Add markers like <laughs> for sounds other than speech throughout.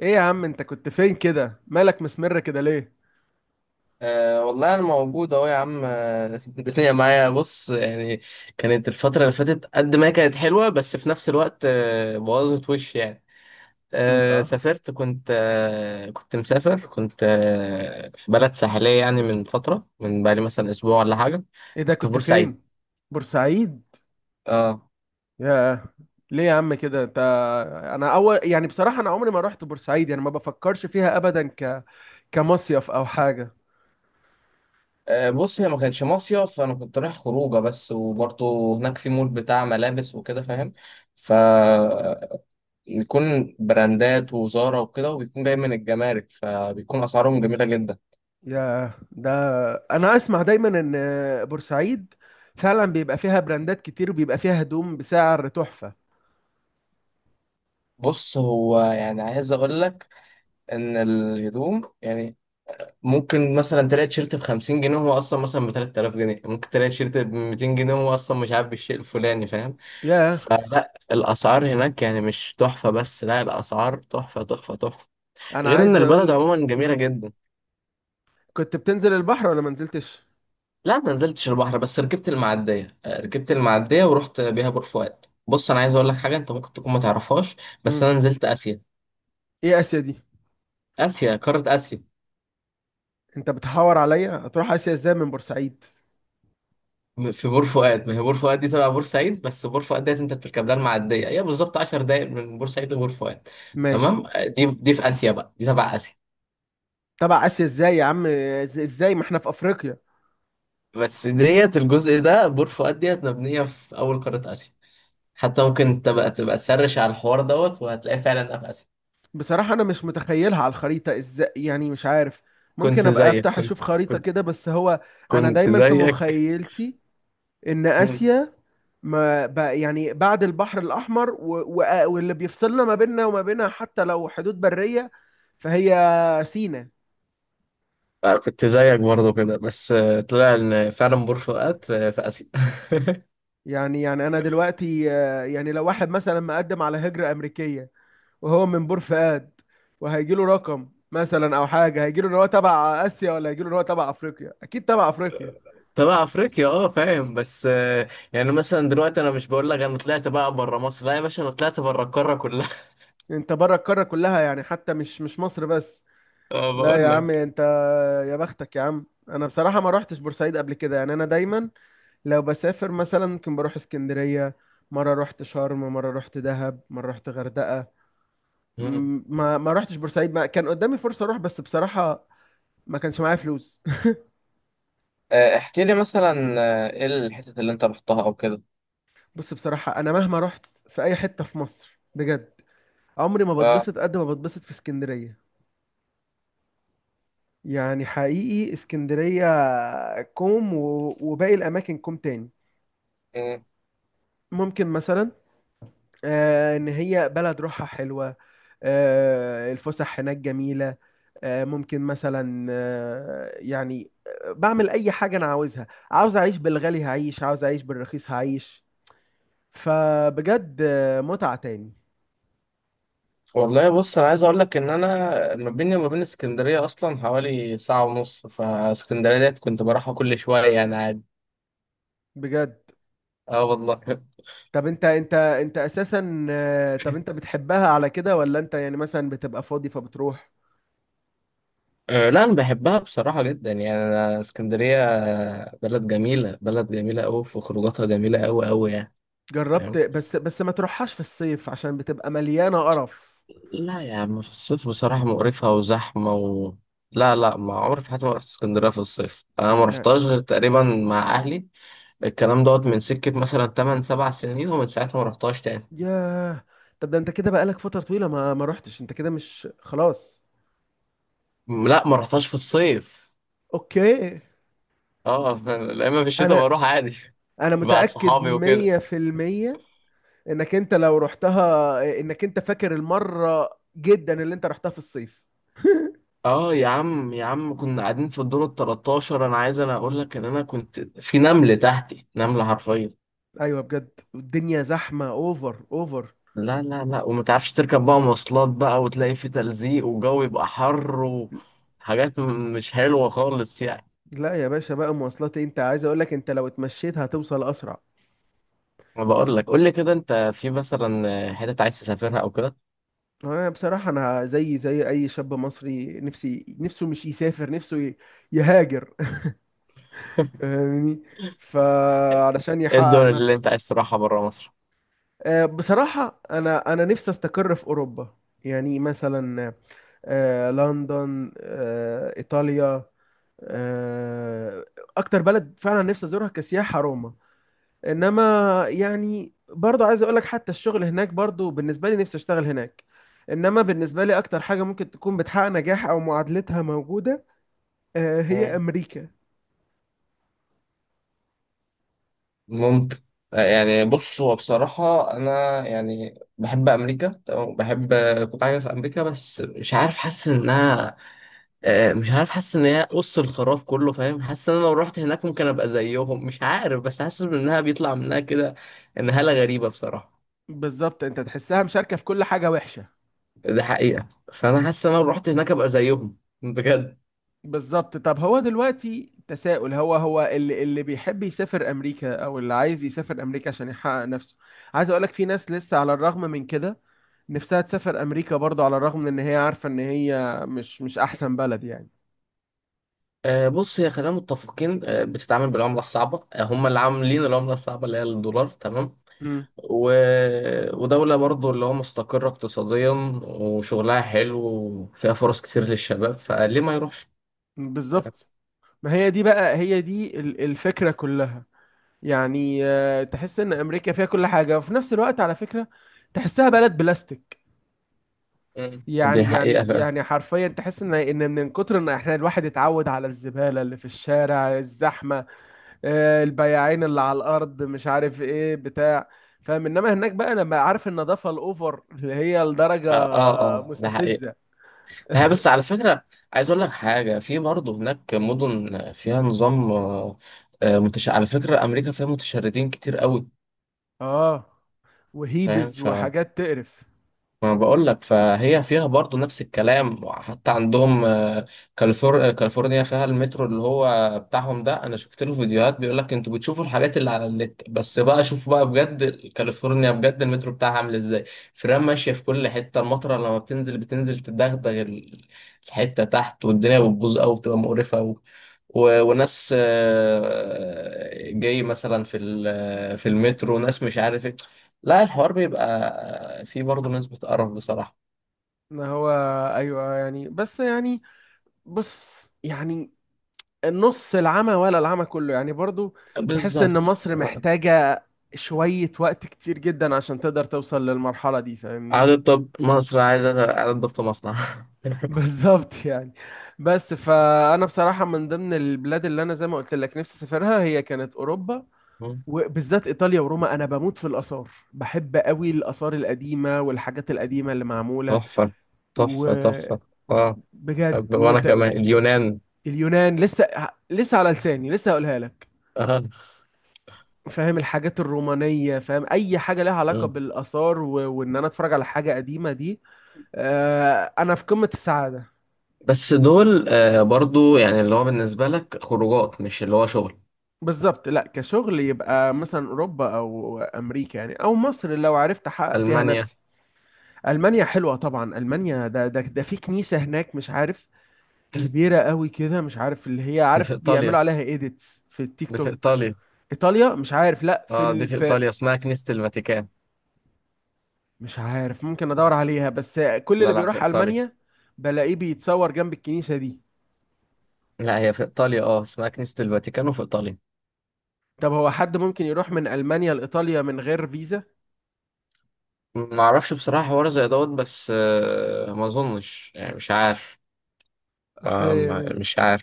ايه يا عم، انت كنت فين كده؟ مالك مسمر كده ليه؟ أه والله أنا موجود أهو يا عم، <laughs> الدنيا معايا، بص يعني. كانت الفترة اللي فاتت قد ما هي كانت حلوة، بس في نفس الوقت بوظت وش يعني. أه الله. سافرت كنت أه كنت مسافر كنت أه في بلد ساحلية يعني، من فترة، من بقالي مثلا أسبوع ولا حاجة. ايه ده؟ كنت في كنت بورسعيد. فين؟ بورسعيد؟ اه. يا. ليه يا عم كده انت؟ انا اول، يعني بصراحة انا عمري ما رحت بورسعيد، يعني ما بفكرش فيها ابدا كمصيف او حاجة. بص، هي ما كانش مصيف، فأنا كنت رايح خروجة بس، وبرضه هناك في مول بتاع ملابس وكده، فاهم؟ ف يكون براندات وزارة وكده، وبيكون جاي من الجمارك، فبيكون أسعارهم جميلة جدا. يا ده، انا اسمع دايما ان بورسعيد فعلا بيبقى فيها براندات كتير وبيبقى فيها هدوم بسعر تحفة. بص هو يعني عايز أقول لك إن الهدوم يعني ممكن مثلا تلاقي تيشيرت ب50 جنيه وهو أصلا مثلا ب3000 جنيه، ممكن تلاقي تيشيرت ب200 جنيه وهو أصلا مش عارف بالشيء الفلاني، فاهم؟ يا، فلا الأسعار هناك يعني مش تحفة، بس لا الأسعار تحفة تحفة تحفة. انا غير إن عايز البلد اقولك. عموما جميلة جدا. كنت بتنزل البحر ولا ما نزلتش؟ لا ما نزلتش البحر، بس ركبت المعدية ورحت بيها بور فؤاد. بص أنا عايز أقول لك حاجة أنت ممكن تكون ما تعرفهاش. بس مم. أنا نزلت آسيا. ايه اسيا دي؟ آسيا، قارة آسيا. انت بتحور عليا؟ هتروح اسيا ازاي من بورسعيد؟ في بور فؤاد، ما هي بور فؤاد دي تبع بورسعيد، بس بور فؤاد ديت أنت بتركب لها المعدية، هي بالظبط 10 دقايق من بورسعيد لبور فؤاد. ماشي. تمام. دي في آسيا بقى، دي تبع آسيا. تبع اسيا ازاي يا عم؟ ازاي ما احنا في افريقيا؟ بس ديت، الجزء ده بور فؤاد ديت مبنية في أول قارة آسيا. حتى ممكن تبقى تسرش على الحوار دوت، وهتلاقيه فعلا في آسيا. بصراحة انا مش متخيلها على الخريطة ازاي، يعني مش عارف. ممكن كنت ابقى زيك افتح كنت اشوف خريطة كنت كده، بس هو انا كنت دايما في زيك مخيلتي ان مم. اسيا ما بقى، يعني بعد البحر الاحمر واللي بيفصلنا ما بيننا وما بينها حتى لو حدود برية، فهي سينا. كنت زيك برضه كده، بس طلع ان فعلا بور فؤاد في اسيا. <laughs> يعني انا دلوقتي، يعني لو واحد مثلا مقدم على هجرة امريكية وهو من بور فؤاد، وهيجي له رقم مثلا او حاجه، هيجي له ان هو تبع اسيا ولا هيجي له ان هو تبع افريقيا؟ اكيد تبع افريقيا. تبع افريقيا، اه فاهم، بس يعني مثلا دلوقتي انا مش بقول لك انا طلعت بقى بره مصر، لا يا باشا، انا طلعت بره القاره كلها. <laughs> انت بره القاره كلها، يعني حتى مش مصر بس. اه لا يا بقول عم لك. انت. يا بختك يا عم، انا بصراحه ما روحتش بورسعيد قبل كده، يعني انا دايما لو بسافر مثلا ممكن بروح اسكندريه. مره رحت شرم، مره رحت دهب، مره رحت غردقه. مم. ما روحتش بورسعيد، ما كان قدامي فرصه اروح، بس بصراحه ما كانش معايا فلوس. احكي لي مثلا. ايه الحتت اللي انت رحتها او كده؟ <laughs> بص، بصراحه انا مهما رحت في اي حته في مصر، بجد عمري ما اه. بتبسط قد ما بتبسط في اسكندرية. يعني حقيقي اسكندرية كوم، و- وباقي الأماكن كوم تاني. مم. ممكن مثلا إن هي بلد روحها حلوة، الفسح هناك جميلة. ممكن مثلا، يعني بعمل أي حاجة أنا عاوزها. عاوز أعيش بالغالي هعيش، عاوز أعيش بالرخيص هعيش. فبجد متعة تاني. والله بص انا عايز اقول لك ان انا ما بيني وما بين اسكندريه اصلا حوالي ساعه ونص، فاسكندريه ديت كنت بروحها كل شويه يعني عادي. بجد؟ اه والله. طب انت انت اساسا، طب انت بتحبها على كده، ولا انت يعني مثلا بتبقى فاضي فبتروح؟ أه لا انا بحبها بصراحه جدا، يعني انا اسكندريه بلد جميله، بلد جميله قوي، في خروجاتها جميله قوي قوي يعني. جربت، فاهم. بس ما تروحهاش في الصيف عشان بتبقى مليانة قرف. لا يا عم، في الصيف بصراحه مقرفه وزحمه لا لا، ما عمري في حياتي ما رحت اسكندريه في الصيف، انا ما يا، رحتهاش غير تقريبا مع اهلي. الكلام دوت من سكه مثلا 8 7 سنين، ومن ساعتها ما رحتهاش تاني. ياه. طب ده انت كده بقالك فترة طويلة ما روحتش، انت كده مش خلاص؟ لا ما رحتهاش في الصيف. اوكي. اه. <laughs> لا اما في الشتاء انا بروح عادي. انا <laughs> مع متأكد صحابي وكده. 100% انك انت لو رحتها انك انت فاكر المرة جدا اللي انت رحتها في الصيف. اه يا عم يا عم، كنا قاعدين في الدور ال 13، انا اقول لك ان انا كنت في نمل تحتي نمله حرفيا. ايوه، بجد الدنيا زحمة اوفر اوفر. لا لا لا، وما تعرفش تركب بقى مواصلات بقى، وتلاقي في تلزيق وجو يبقى حر، وحاجات مش حلوه خالص يعني. لا يا باشا، بقى مواصلات إيه؟ انت عايز اقول لك، انت لو اتمشيت هتوصل اسرع. ما بقول لك، قول لي كده انت في مثلا حتت عايز تسافرها او كده. انا بصراحة، انا زي اي شاب مصري نفسي نفسه مش يسافر، نفسه يهاجر. <laughs> فاهمني؟ فعلشان ايه الدول يحقق اللي نفسه. انت عايز تروحها بره مصر؟ بصراحة، انا نفسي استقر في اوروبا. يعني مثلا لندن، ايطاليا، آه، اكتر بلد فعلا نفسي ازورها كسياحة روما. انما يعني برضه، عايز اقول لك حتى الشغل هناك برضه، بالنسبه لي نفسي اشتغل هناك. انما بالنسبه لي اكتر حاجه ممكن تكون بتحقق نجاح او معادلتها موجوده، هي مم. امريكا. ممكن. يعني بص، هو بصراحة أنا يعني بحب أمريكا، تمام؟ بحب. كنت عايز في أمريكا، بس مش عارف، حاسس إنها مش عارف، حاسس ان هي قص الخراف كله، فاهم؟ حاسس ان انا لو رحت هناك ممكن ابقى زيهم، مش عارف، بس حاسس انها بيطلع منها كده. ان هالة غريبة بصراحة. بالظبط، انت تحسها مشاركه في كل حاجه وحشه. ده حقيقة. فانا حاسس ان انا لو رحت هناك ابقى زيهم بجد. بالظبط. طب هو دلوقتي تساؤل، هو اللي بيحب يسافر امريكا او اللي عايز يسافر امريكا عشان يحقق نفسه. عايز اقول لك، في ناس لسه على الرغم من كده نفسها تسافر امريكا برضه، على الرغم من ان هي عارفه ان هي مش احسن بلد يعني. بص، هي خلينا متفقين، بتتعامل بالعملة الصعبة، هم اللي عاملين العملة الصعبة اللي هي الدولار، تمام. امم. و... ودولة برضو اللي هو مستقرة اقتصاديا، وشغلها حلو، وفيها فرص كتير للشباب، فليه ما يروحش. بالظبط. ما هي دي بقى، هي دي الفكرة كلها. يعني تحس ان امريكا فيها كل حاجة، وفي نفس الوقت على فكرة تحسها بلد بلاستيك. مم. دي يعني حقيقة يعني فعلا. يعني حرفيا تحس ان من كتر ان احنا الواحد اتعود على الزبالة اللي في الشارع، الزحمة، البياعين اللي على الارض، مش عارف ايه بتاع، فاهم؟ انما هناك بقى لما عارف النظافة الاوفر اللي هي لدرجة اه اه، ده حقيقة. مستفزة. هي بس على فكرة، عايز أقول لك حاجة، في برضه هناك مدن فيها نظام على فكرة أمريكا فيها متشردين كتير قوي. اه، فاهم. وهيبز وحاجات تقرف. ما بقول لك، فهي فيها برضو نفس الكلام حتى عندهم كاليفورنيا فيها المترو اللي هو بتاعهم ده، انا شفت له فيديوهات، بيقول لك انتوا بتشوفوا الحاجات اللي على النت، بس بقى شوف بقى بجد. كاليفورنيا بجد المترو بتاعها عامل ازاي. فرام ماشية في كل حتة، المطرة لما بتنزل بتنزل تدغدغ الحتة تحت، والدنيا بتبوظ قوي، بتبقى مقرفة قوي. وناس جاي مثلا في المترو ناس مش عارف ايه. لا الحوار بيبقى فيه برضه نسبة قرف بصراحة. ما هو، ايوه يعني، بس يعني، بص يعني النص العمى ولا العمى كله، يعني برضو. تحس ان بالظبط. مصر محتاجة شوية وقت كتير جدا عشان تقدر توصل للمرحلة دي، فاهمني؟ عدد، طب مصر عايزة عدد ضبط مصنع. <laughs> <laughs> بالظبط يعني. بس، فأنا بصراحة من ضمن البلاد اللي أنا زي ما قلت لك نفسي أسافرها هي كانت أوروبا، مم. وبالذات إيطاليا وروما. أنا بموت في الآثار، بحب قوي الآثار القديمة والحاجات القديمة اللي معمولة. تحفة تحفة وبجد. تحفة. اه. طب وانا وت... كمان اليونان. اليونان لسه، لسه على لساني، لسه هقولها لك. اه. فاهم، الحاجات الرومانية، فاهم أي حاجة لها علاقة مم. بالآثار وإن أنا أتفرج على حاجة قديمة دي، أنا في قمة السعادة. بس دول برضو يعني اللي هو بالنسبة لك خروجات، مش اللي هو شغل. بالظبط. لا كشغل يبقى مثلا أوروبا أو أمريكا يعني، أو مصر لو عرفت أحقق فيها ألمانيا. نفسي. ألمانيا حلوة طبعا، ألمانيا ده في كنيسة هناك، مش عارف، كبيرة قوي كده، مش عارف اللي هي، دي في عارف بيعملوا إيطاليا. عليها إيديتس في التيك دي في توك. إيطاليا. إيطاليا؟ مش عارف، لا في اه دي ال... في في إيطاليا، اسمها كنيسة الفاتيكان. مش عارف، ممكن ادور عليها، بس كل لا اللي لا في بيروح إيطاليا. المانيا بلاقيه بيتصور جنب الكنيسة دي. لا هي في إيطاليا اه، اسمها كنيسة الفاتيكان، وفي إيطاليا. طب هو حد ممكن يروح من المانيا لايطاليا من غير فيزا؟ ما أعرفش بصراحة حوار زي دوت، بس ما أظنش يعني، مش عارف. اصل. مش عارف.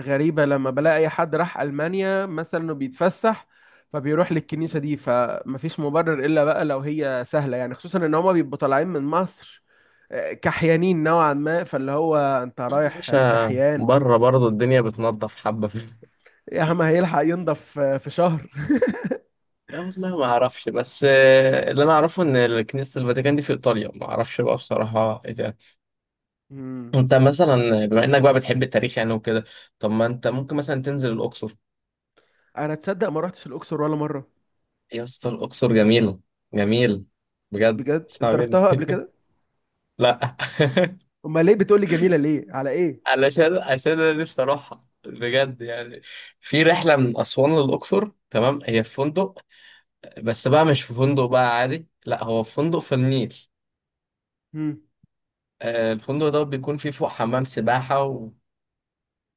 غريبة لما بلاقي اي حد راح المانيا مثلا انه بيتفسح، فبيروح للكنيسة دي، فمفيش مبرر الا بقى لو هي سهلة، يعني خصوصا ان هما بيبقوا طالعين من مصر كحيانين نوعا ما، فاللي هو انت مش رايح كحيان. بره برضه الدنيا بتنضف حبة في. <laughs> يا عم هيلحق ينضف في شهر؟ والله ما أعرفش، بس اللي أنا أعرفه إن كنيسة الفاتيكان دي في إيطاليا، ما أعرفش بقى بصراحة إيه ده. مم. أنت مثلا بما إنك بقى بتحب التاريخ يعني وكده، طب ما أنت ممكن مثلا تنزل الأقصر. انا تصدق ما رحتش الاقصر ولا مرة. يا اسطى الأقصر جميلة. جميل. بجد بجد؟ اسمع انت مني. رحتها قبل <laughs> كده؟ لا. <laughs> امال ليه بتقولي جميله، ليه على ايه؟ عشان انا نفسي اروحها بجد يعني. في رحله من اسوان للاقصر، تمام، هي في فندق، بس بقى مش في فندق بقى عادي، لا هو في فندق في النيل. مم. الفندق ده بيكون فيه فوق حمام سباحه،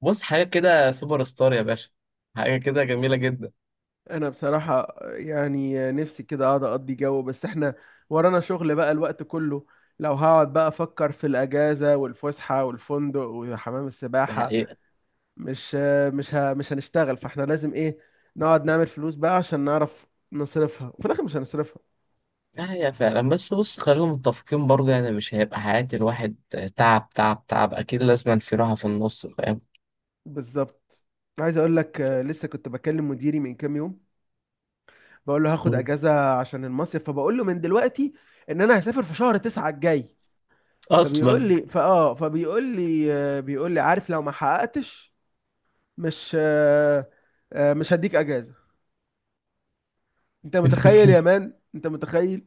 وبص حاجه كده سوبر ستار يا باشا، حاجه كده جميله جدا. انا بصراحه يعني نفسي كده اقعد اقضي جو، بس احنا ورانا شغل بقى الوقت كله. لو هقعد بقى افكر في الاجازه والفسحه والفندق وحمام ده السباحه، حقيقه. مش مش هنشتغل، فاحنا لازم ايه؟ نقعد نعمل فلوس بقى عشان نعرف نصرفها، وفي الاخر مش هنصرفها. ده حقيقه فعلا، بس بص خلينا متفقين برضه يعني مش هيبقى حياه الواحد تعب تعب تعب، اكيد لازم في راحه في النص، فاهم. بالظبط. عايز اقول لك، ف- لسه كنت بكلم مديري من كام يوم بقول له هاخد م. اجازه عشان المصيف، فبقول له من دلوقتي ان انا هسافر في شهر 9 الجاي. فبيقول اصلا. لي فاه فبيقول لي بيقول لي، عارف، لو ما حققتش مش آه، آه، مش هديك اجازه. انت متخيل يا <laughs> مان؟ انت متخيل؟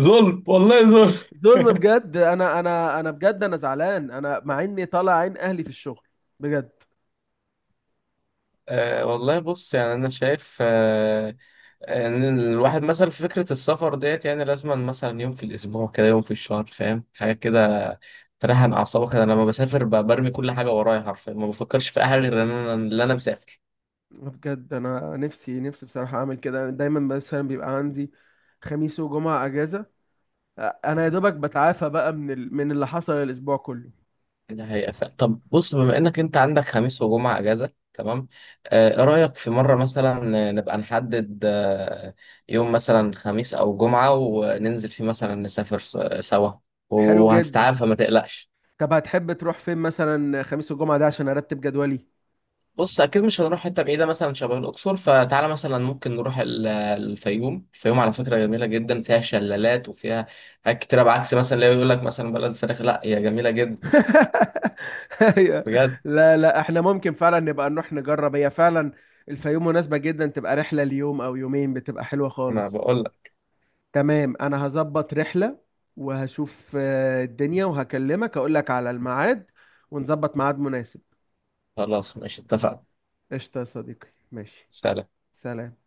ظلم والله ظلم. ظلم <laughs> بجد. انا بجد انا زعلان، انا مع اني طالع عين اهلي في الشغل. بجد. أه والله بص يعني أنا شايف إن الواحد مثلا في فكرة السفر ديت يعني لازم مثلا يوم في الأسبوع كده، يوم في الشهر، فاهم، حاجة كده تريحن أعصابك. أنا لما بسافر برمي كل حاجة ورايا حرفيا، ما بفكرش في أي حاجة غير إن أنا مسافر. بجد، انا نفسي بصراحه اعمل كده، دايما مثلا بيبقى عندي خميس وجمعه اجازه، انا يا دوبك بتعافى بقى من اللي حصل الاسبوع كله. ده حقيقة. طب بص، بما إنك أنت عندك خميس وجمعة أجازة، تمام. أه إيه رأيك في مرة مثلا نبقى نحدد يوم مثلا خميس أو جمعة، وننزل فيه مثلا نسافر سوا، حلو جدا. وهتتعافى ما تقلقش. طب هتحب تروح فين مثلا خميس والجمعة ده عشان ارتب جدولي؟ بص اكيد مش هنروح حته بعيده مثلا شبه الاقصر، فتعالى مثلا ممكن نروح الفيوم. الفيوم على فكره جميله جدا، فيها شلالات وفيها حاجات كتيره، بعكس مثلا اللي يقول لك مثلا بلد الفراخ، لا هي جميله جدا <laughs> أيوة. بجد. لا لا، احنا ممكن فعلا نبقى نروح نجرب، هي فعلا الفيوم مناسبة جدا، تبقى رحلة ليوم او يومين بتبقى حلوة انا خالص. بقول لك. تمام، انا هظبط رحلة وهشوف الدنيا، وهكلمك اقول لك على الميعاد ونظبط ميعاد مناسب. خلاص ماشي اتفقنا. قشطة يا صديقي، ماشي. سلام. سلام.